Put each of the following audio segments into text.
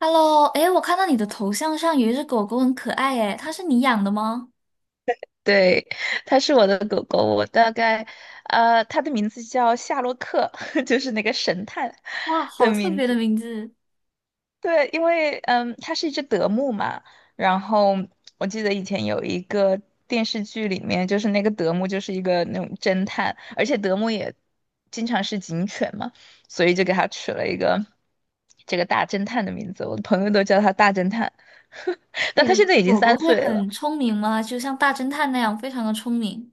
Hello，哎，我看到你的头像上有一只狗狗，很可爱哎，它是你养的吗？对，它是我的狗狗，我大概，呃，它的名字叫夏洛克，就是那个神探哇，的好特名别的字。名字！对，因为它是一只德牧嘛，然后我记得以前有一个电视剧里面，就是那个德牧就是一个那种侦探，而且德牧也经常是警犬嘛，所以就给它取了一个这个大侦探的名字，我的朋友都叫它大侦探，但你它的现在已经狗狗三会岁了。很聪明吗？就像大侦探那样，非常的聪明，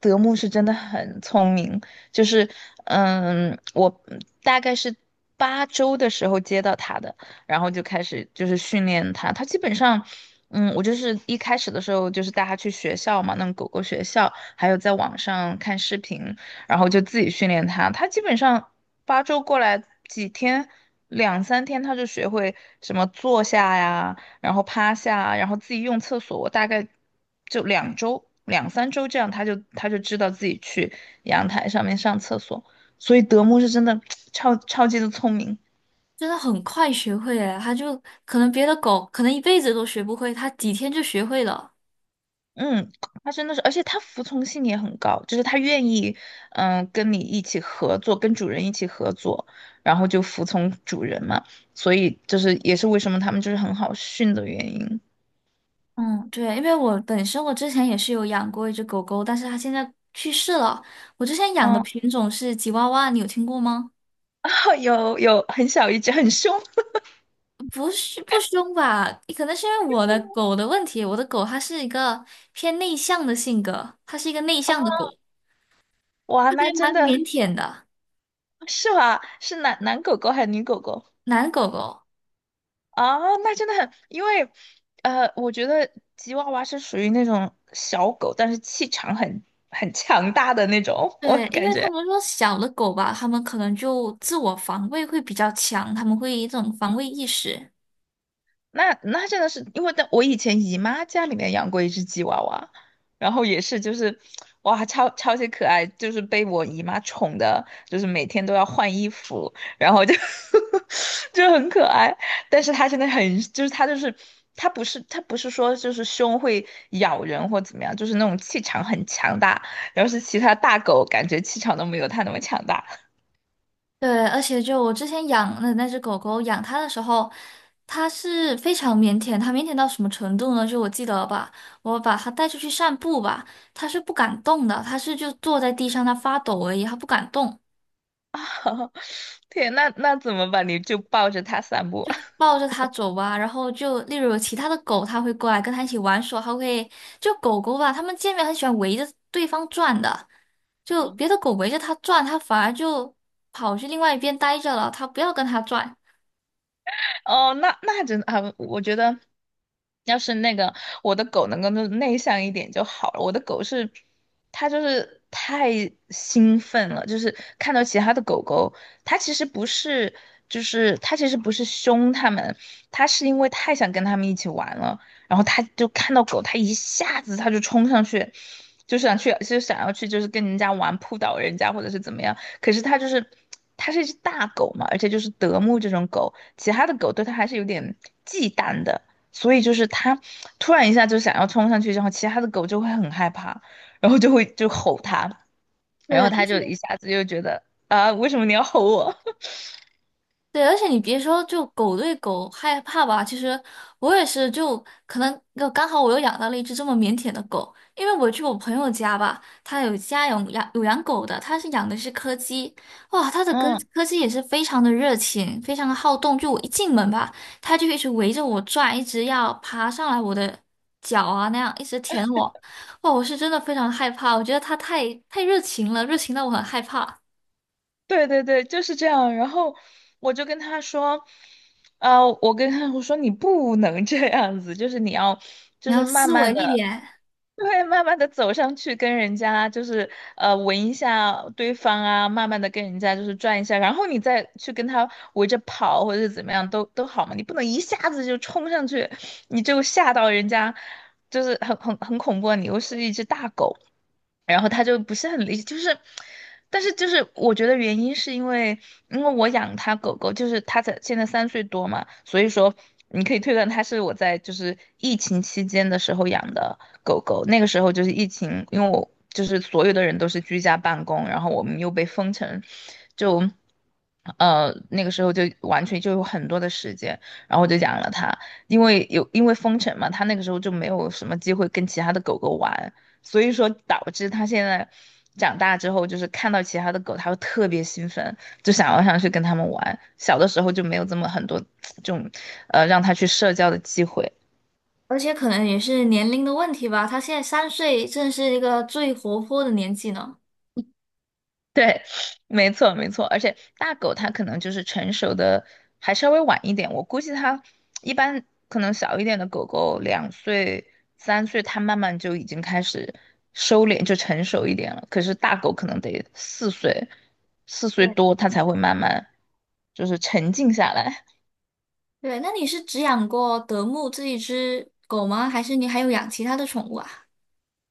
德牧是真的很聪明，就是嗯，我大概是八周的时候接到他的，然后就开始就是训练它。它基本上。嗯，我就是一开始的时候，就是带它去学校嘛，那种狗狗学校，还有在网上看视频，然后就自己训练它。它基本上八周过来几天，2、3天，它就学会什么坐下呀，然后趴下，然后自己用厕所，我大概就2周、2、3周这样，他就知道自己去阳台上面上厕所。所以德牧是真的 超级的聪明，真的很快学会哎，它就可能别的狗可能一辈子都学不会，它几天就学会了。嗯，他真的是，而且他服从性也很高，就是他愿意，跟你一起合作，跟主人一起合作，然后就服从主人嘛。所以就是也是为什么他们就是很好训的原因。嗯，对，因为我本身我之前也是有养过一只狗狗，但是它现在去世了。我之前养的嗯，品种是吉娃娃，你有听过吗？有很小一只，很凶，不是不凶吧？可能是因为我的狗的问题，我的狗它是一个偏内向的性格，它是一个内向的狗，哇，它那还真蛮的腼腆的，是吧？是男狗狗还是女狗狗？男狗狗。啊，那真的很，因为，我觉得吉娃娃是属于那种小狗，但是气场很强大的那种，我对，因感为他觉们说小的狗吧，他们可能就自我防卫会比较强，他们会有一种防卫意识。那真的是因为在我以前姨妈家里面养过一只吉娃娃，然后也是就是哇超级可爱，就是被我姨妈宠的，就是每天都要换衣服，然后就 就很可爱。但是它真的很就是它就是它不是说就是凶会咬人或怎么样，就是那种气场很强大，要是其他大狗感觉气场都没有它那么强大。对，而且就我之前养的那只狗狗，养它的时候，它是非常腼腆，它腼腆到什么程度呢？就我记得吧，我把它带出去散步吧，它是不敢动的，它是就坐在地上，它发抖而已，它不敢动，天，那怎么办？你就抱着它散步。就抱着它走吧。然后就例如有其他的狗，它会过来跟它一起玩耍，它会就狗狗吧，它们见面很喜欢围着对方转的，就别的 狗围着它转，它反而就跑去另外一边待着了，它不要跟它转。哦，那真的啊，我觉得要是那个我的狗能够内向一点就好了。我的狗是，它就是太兴奋了，就是看到其他的狗狗，它其实不是，就是它其实不是凶它们，它是因为太想跟它们一起玩了，然后它就看到狗，它一下子它就冲上去，就想要去，就是跟人家玩扑倒人家或者是怎么样。可是它就是，它是一只大狗嘛，而且就是德牧这种狗。其他的狗对它还是有点忌惮的，所以就是它突然一下就想要冲上去，然后其他的狗就会很害怕，然后就会就吼它，然后对，它就一下子就觉得啊，为什么你要吼我？对，而且你别说，就狗对狗害怕吧，其实我也是就，可能就刚好我又养到了一只这么腼腆的狗，因为我去我朋友家吧，他有家有养狗的，他是养的是柯基，哇，他的柯嗯，柯基也是非常的热情，非常的好动，就我一进门吧，它就一直围着我转，一直要爬上来我的脚啊那样，一直舔我，哇，我是真的非常害怕，我觉得它太热情了，热情到我很害怕，对对对，就是这样。然后我就跟他说，呃，我跟他我说你不能这样子，就是你要，你就是要慢斯慢文的，一点。对，慢慢的走上去，跟人家就是闻一下对方啊，慢慢的跟人家就是转一下，然后你再去跟他围着跑或者是怎么样都好嘛，你不能一下子就冲上去，你就吓到人家，就是很恐怖啊，你又是一只大狗。然后他就不是很理解，就是，但是就是我觉得原因是因为，因为我养它狗狗，就是它才现在3岁多嘛，所以说你可以推断它是我在就是疫情期间的时候养的狗狗，那个时候就是疫情，因为我就是所有的人都是居家办公，然后我们又被封城，就。那个时候就完全就有很多的时间，然后我就养了它，因为封城嘛，它那个时候就没有什么机会跟其他的狗狗玩，所以说导致他现在长大之后，就是看到其他的狗，他会特别兴奋，就想要上去跟它们玩。小的时候就没有这么很多 这种，让他去社交的机会。而且可能也是年龄的问题吧，他现在3岁，正是一个最活泼的年纪呢。对，没错没错，而且大狗它可能就是成熟的还稍微晚一点，我估计它一般可能小一点的狗狗2、3岁，它慢慢就已经开始收敛，就成熟一点了。可是大狗可能得四岁对，多，它才会慢慢就是沉静下来。对，那你是只养过德牧这一只狗吗？还是你还有养其他的宠物啊？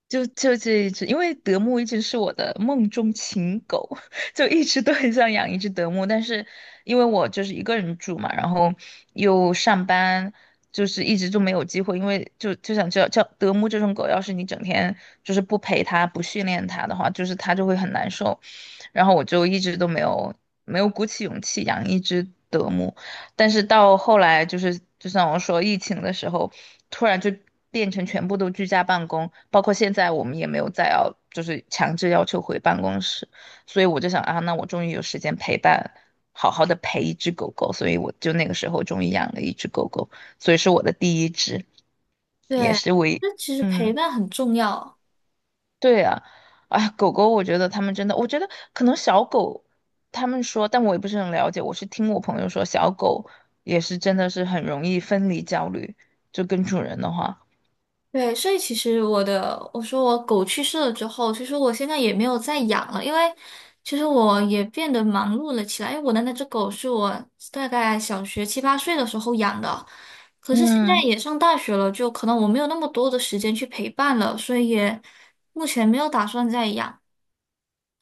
就这一只，因为德牧一直是我的梦中情狗，就一直都很想养一只德牧，但是因为我就是一个人住嘛，然后又上班，就是一直就没有机会，因为就想知道，叫德牧这种狗，要是你整天就是不陪它、不训练它的话，就是它就会很难受，然后我就一直都没有鼓起勇气养一只德牧。但是到后来就是，就像我说，疫情的时候，突然就变成全部都居家办公，包括现在我们也没有再要，就是强制要求回办公室，所以我就想啊，那我终于有时间陪伴，好好的陪一只狗狗，所以我就那个时候终于养了一只狗狗，所以是我的第一只，也对，是唯，一，那其实陪嗯。伴很重要。对啊，哎，狗狗，我觉得他们真的，我觉得可能小狗，他们说，但我也不是很了解，我是听我朋友说，小狗也是真的是很容易分离焦虑，就跟主人的话，对，所以其实我的，我说我狗去世了之后，其实我现在也没有再养了，因为其实我也变得忙碌了起来。因为我的那只狗是我大概小学7、8岁的时候养的，可是现在嗯。也上大学了，就可能我没有那么多的时间去陪伴了，所以也目前没有打算再养。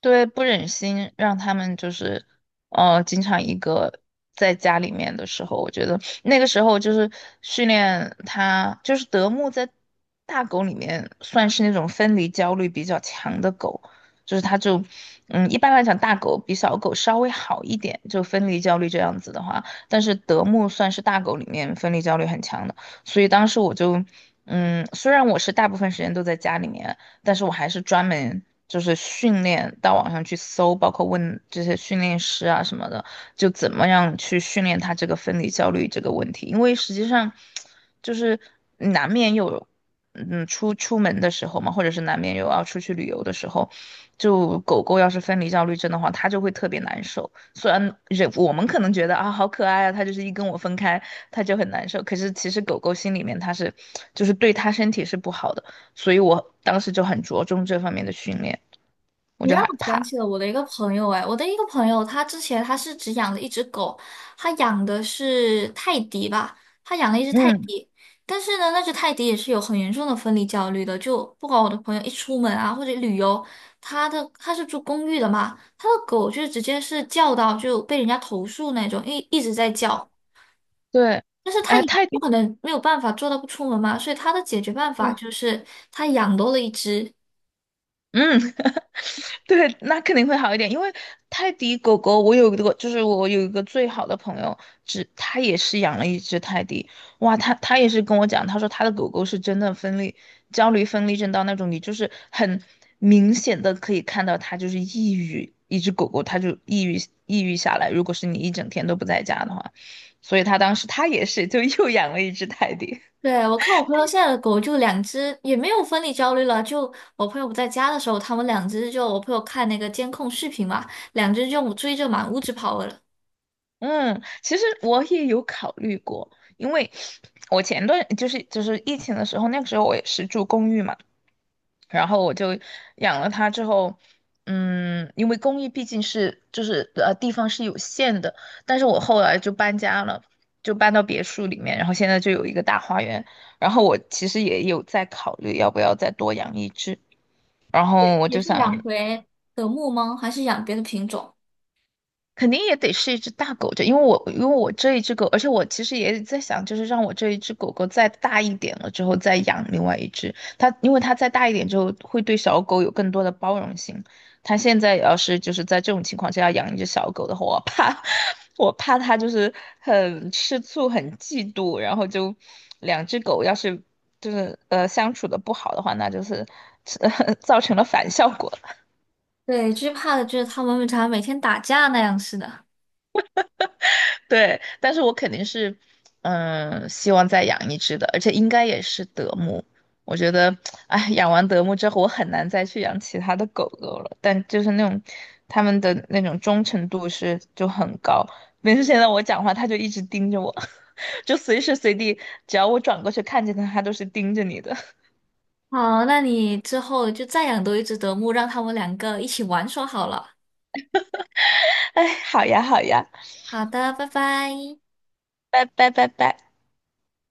对，不忍心让他们就是，经常一个在家里面的时候，我觉得那个时候就是训练它，就是德牧在大狗里面算是那种分离焦虑比较强的狗，就是它就，嗯，一般来讲大狗比小狗稍微好一点，就分离焦虑这样子的话，但是德牧算是大狗里面分离焦虑很强的，所以当时我就。嗯，虽然我是大部分时间都在家里面，但是我还是专门就是训练到网上去搜，包括问这些训练师啊什么的，就怎么样去训练他这个分离焦虑这个问题，因为实际上就是难免有。嗯，出门的时候嘛，或者是难免有要出去旅游的时候，就狗狗要是分离焦虑症的话，它就会特别难受。虽然人我们可能觉得啊好可爱啊，它就是一跟我分开，它就很难受。可是其实狗狗心里面它是，就是对它身体是不好的。所以我当时就很着重这方面的训练，我你就让害我想怕。起了我的一个朋友，哎，我的一个朋友，他之前他是只养了一只狗，他养的是泰迪吧，他养了一只泰嗯，迪，但是呢，那只泰迪也是有很严重的分离焦虑的，就不管我的朋友一出门啊或者旅游，他的他是住公寓的嘛，他的狗就直接是叫到就被人家投诉那种，一直在叫。对，但是他哎，也泰不迪，可能没有办法做到不出门嘛，所以他的解决办法就是他养多了一只。嗯，对，那肯定会好一点，因为泰迪狗狗，我有一个，就是我有一个最好的朋友，只他也是养了一只泰迪，哇，他也是跟我讲，他说他的狗狗是真的分裂焦虑分裂症到那种，你就是很明显的可以看到它就是抑郁，一只狗狗它就抑郁下来，如果是你一整天都不在家的话，所以他当时他也是就又养了一只泰迪，对，我看我朋友现在的狗就两只，也没有分离焦虑了。就我朋友不在家的时候，他们两只就我朋友看那个监控视频嘛，两只就追着满屋子跑了，嗯，其实我也有考虑过，因为我前段就是疫情的时候，那个时候我也是住公寓嘛，然后我就养了它之后，嗯，因为公寓毕竟是地方是有限的，但是我后来就搬家了，就搬到别墅里面，然后现在就有一个大花园，然后我其实也有在考虑要不要再多养一只，然后我也就是想，养嗯回德牧吗？还是养别的品种？肯定也得是一只大狗这，因为我这一只狗，而且我其实也在想，就是让我这一只狗狗再大一点了之后再养另外一只。它因为它再大一点之后会对小狗有更多的包容性。它现在要是就是在这种情况下要养一只小狗的话，我怕它就是很吃醋、很嫉妒，然后就两只狗要是就是相处的不好的话，那就是 造成了反效果。对，最怕的就是他们常每天打架那样似的。对，但是我肯定是，嗯，希望再养一只的，而且应该也是德牧。我觉得，哎，养完德牧之后，我很难再去养其他的狗狗了。但就是那种，他们的那种忠诚度是就很高。每次现在我讲话，它就一直盯着我，就随时随地，只要我转过去看见它，它都是盯着你的。好，那你之后就再养多一只德牧，让他们两个一起玩耍好了。哎，好呀，好呀，好的，拜拜。拜拜。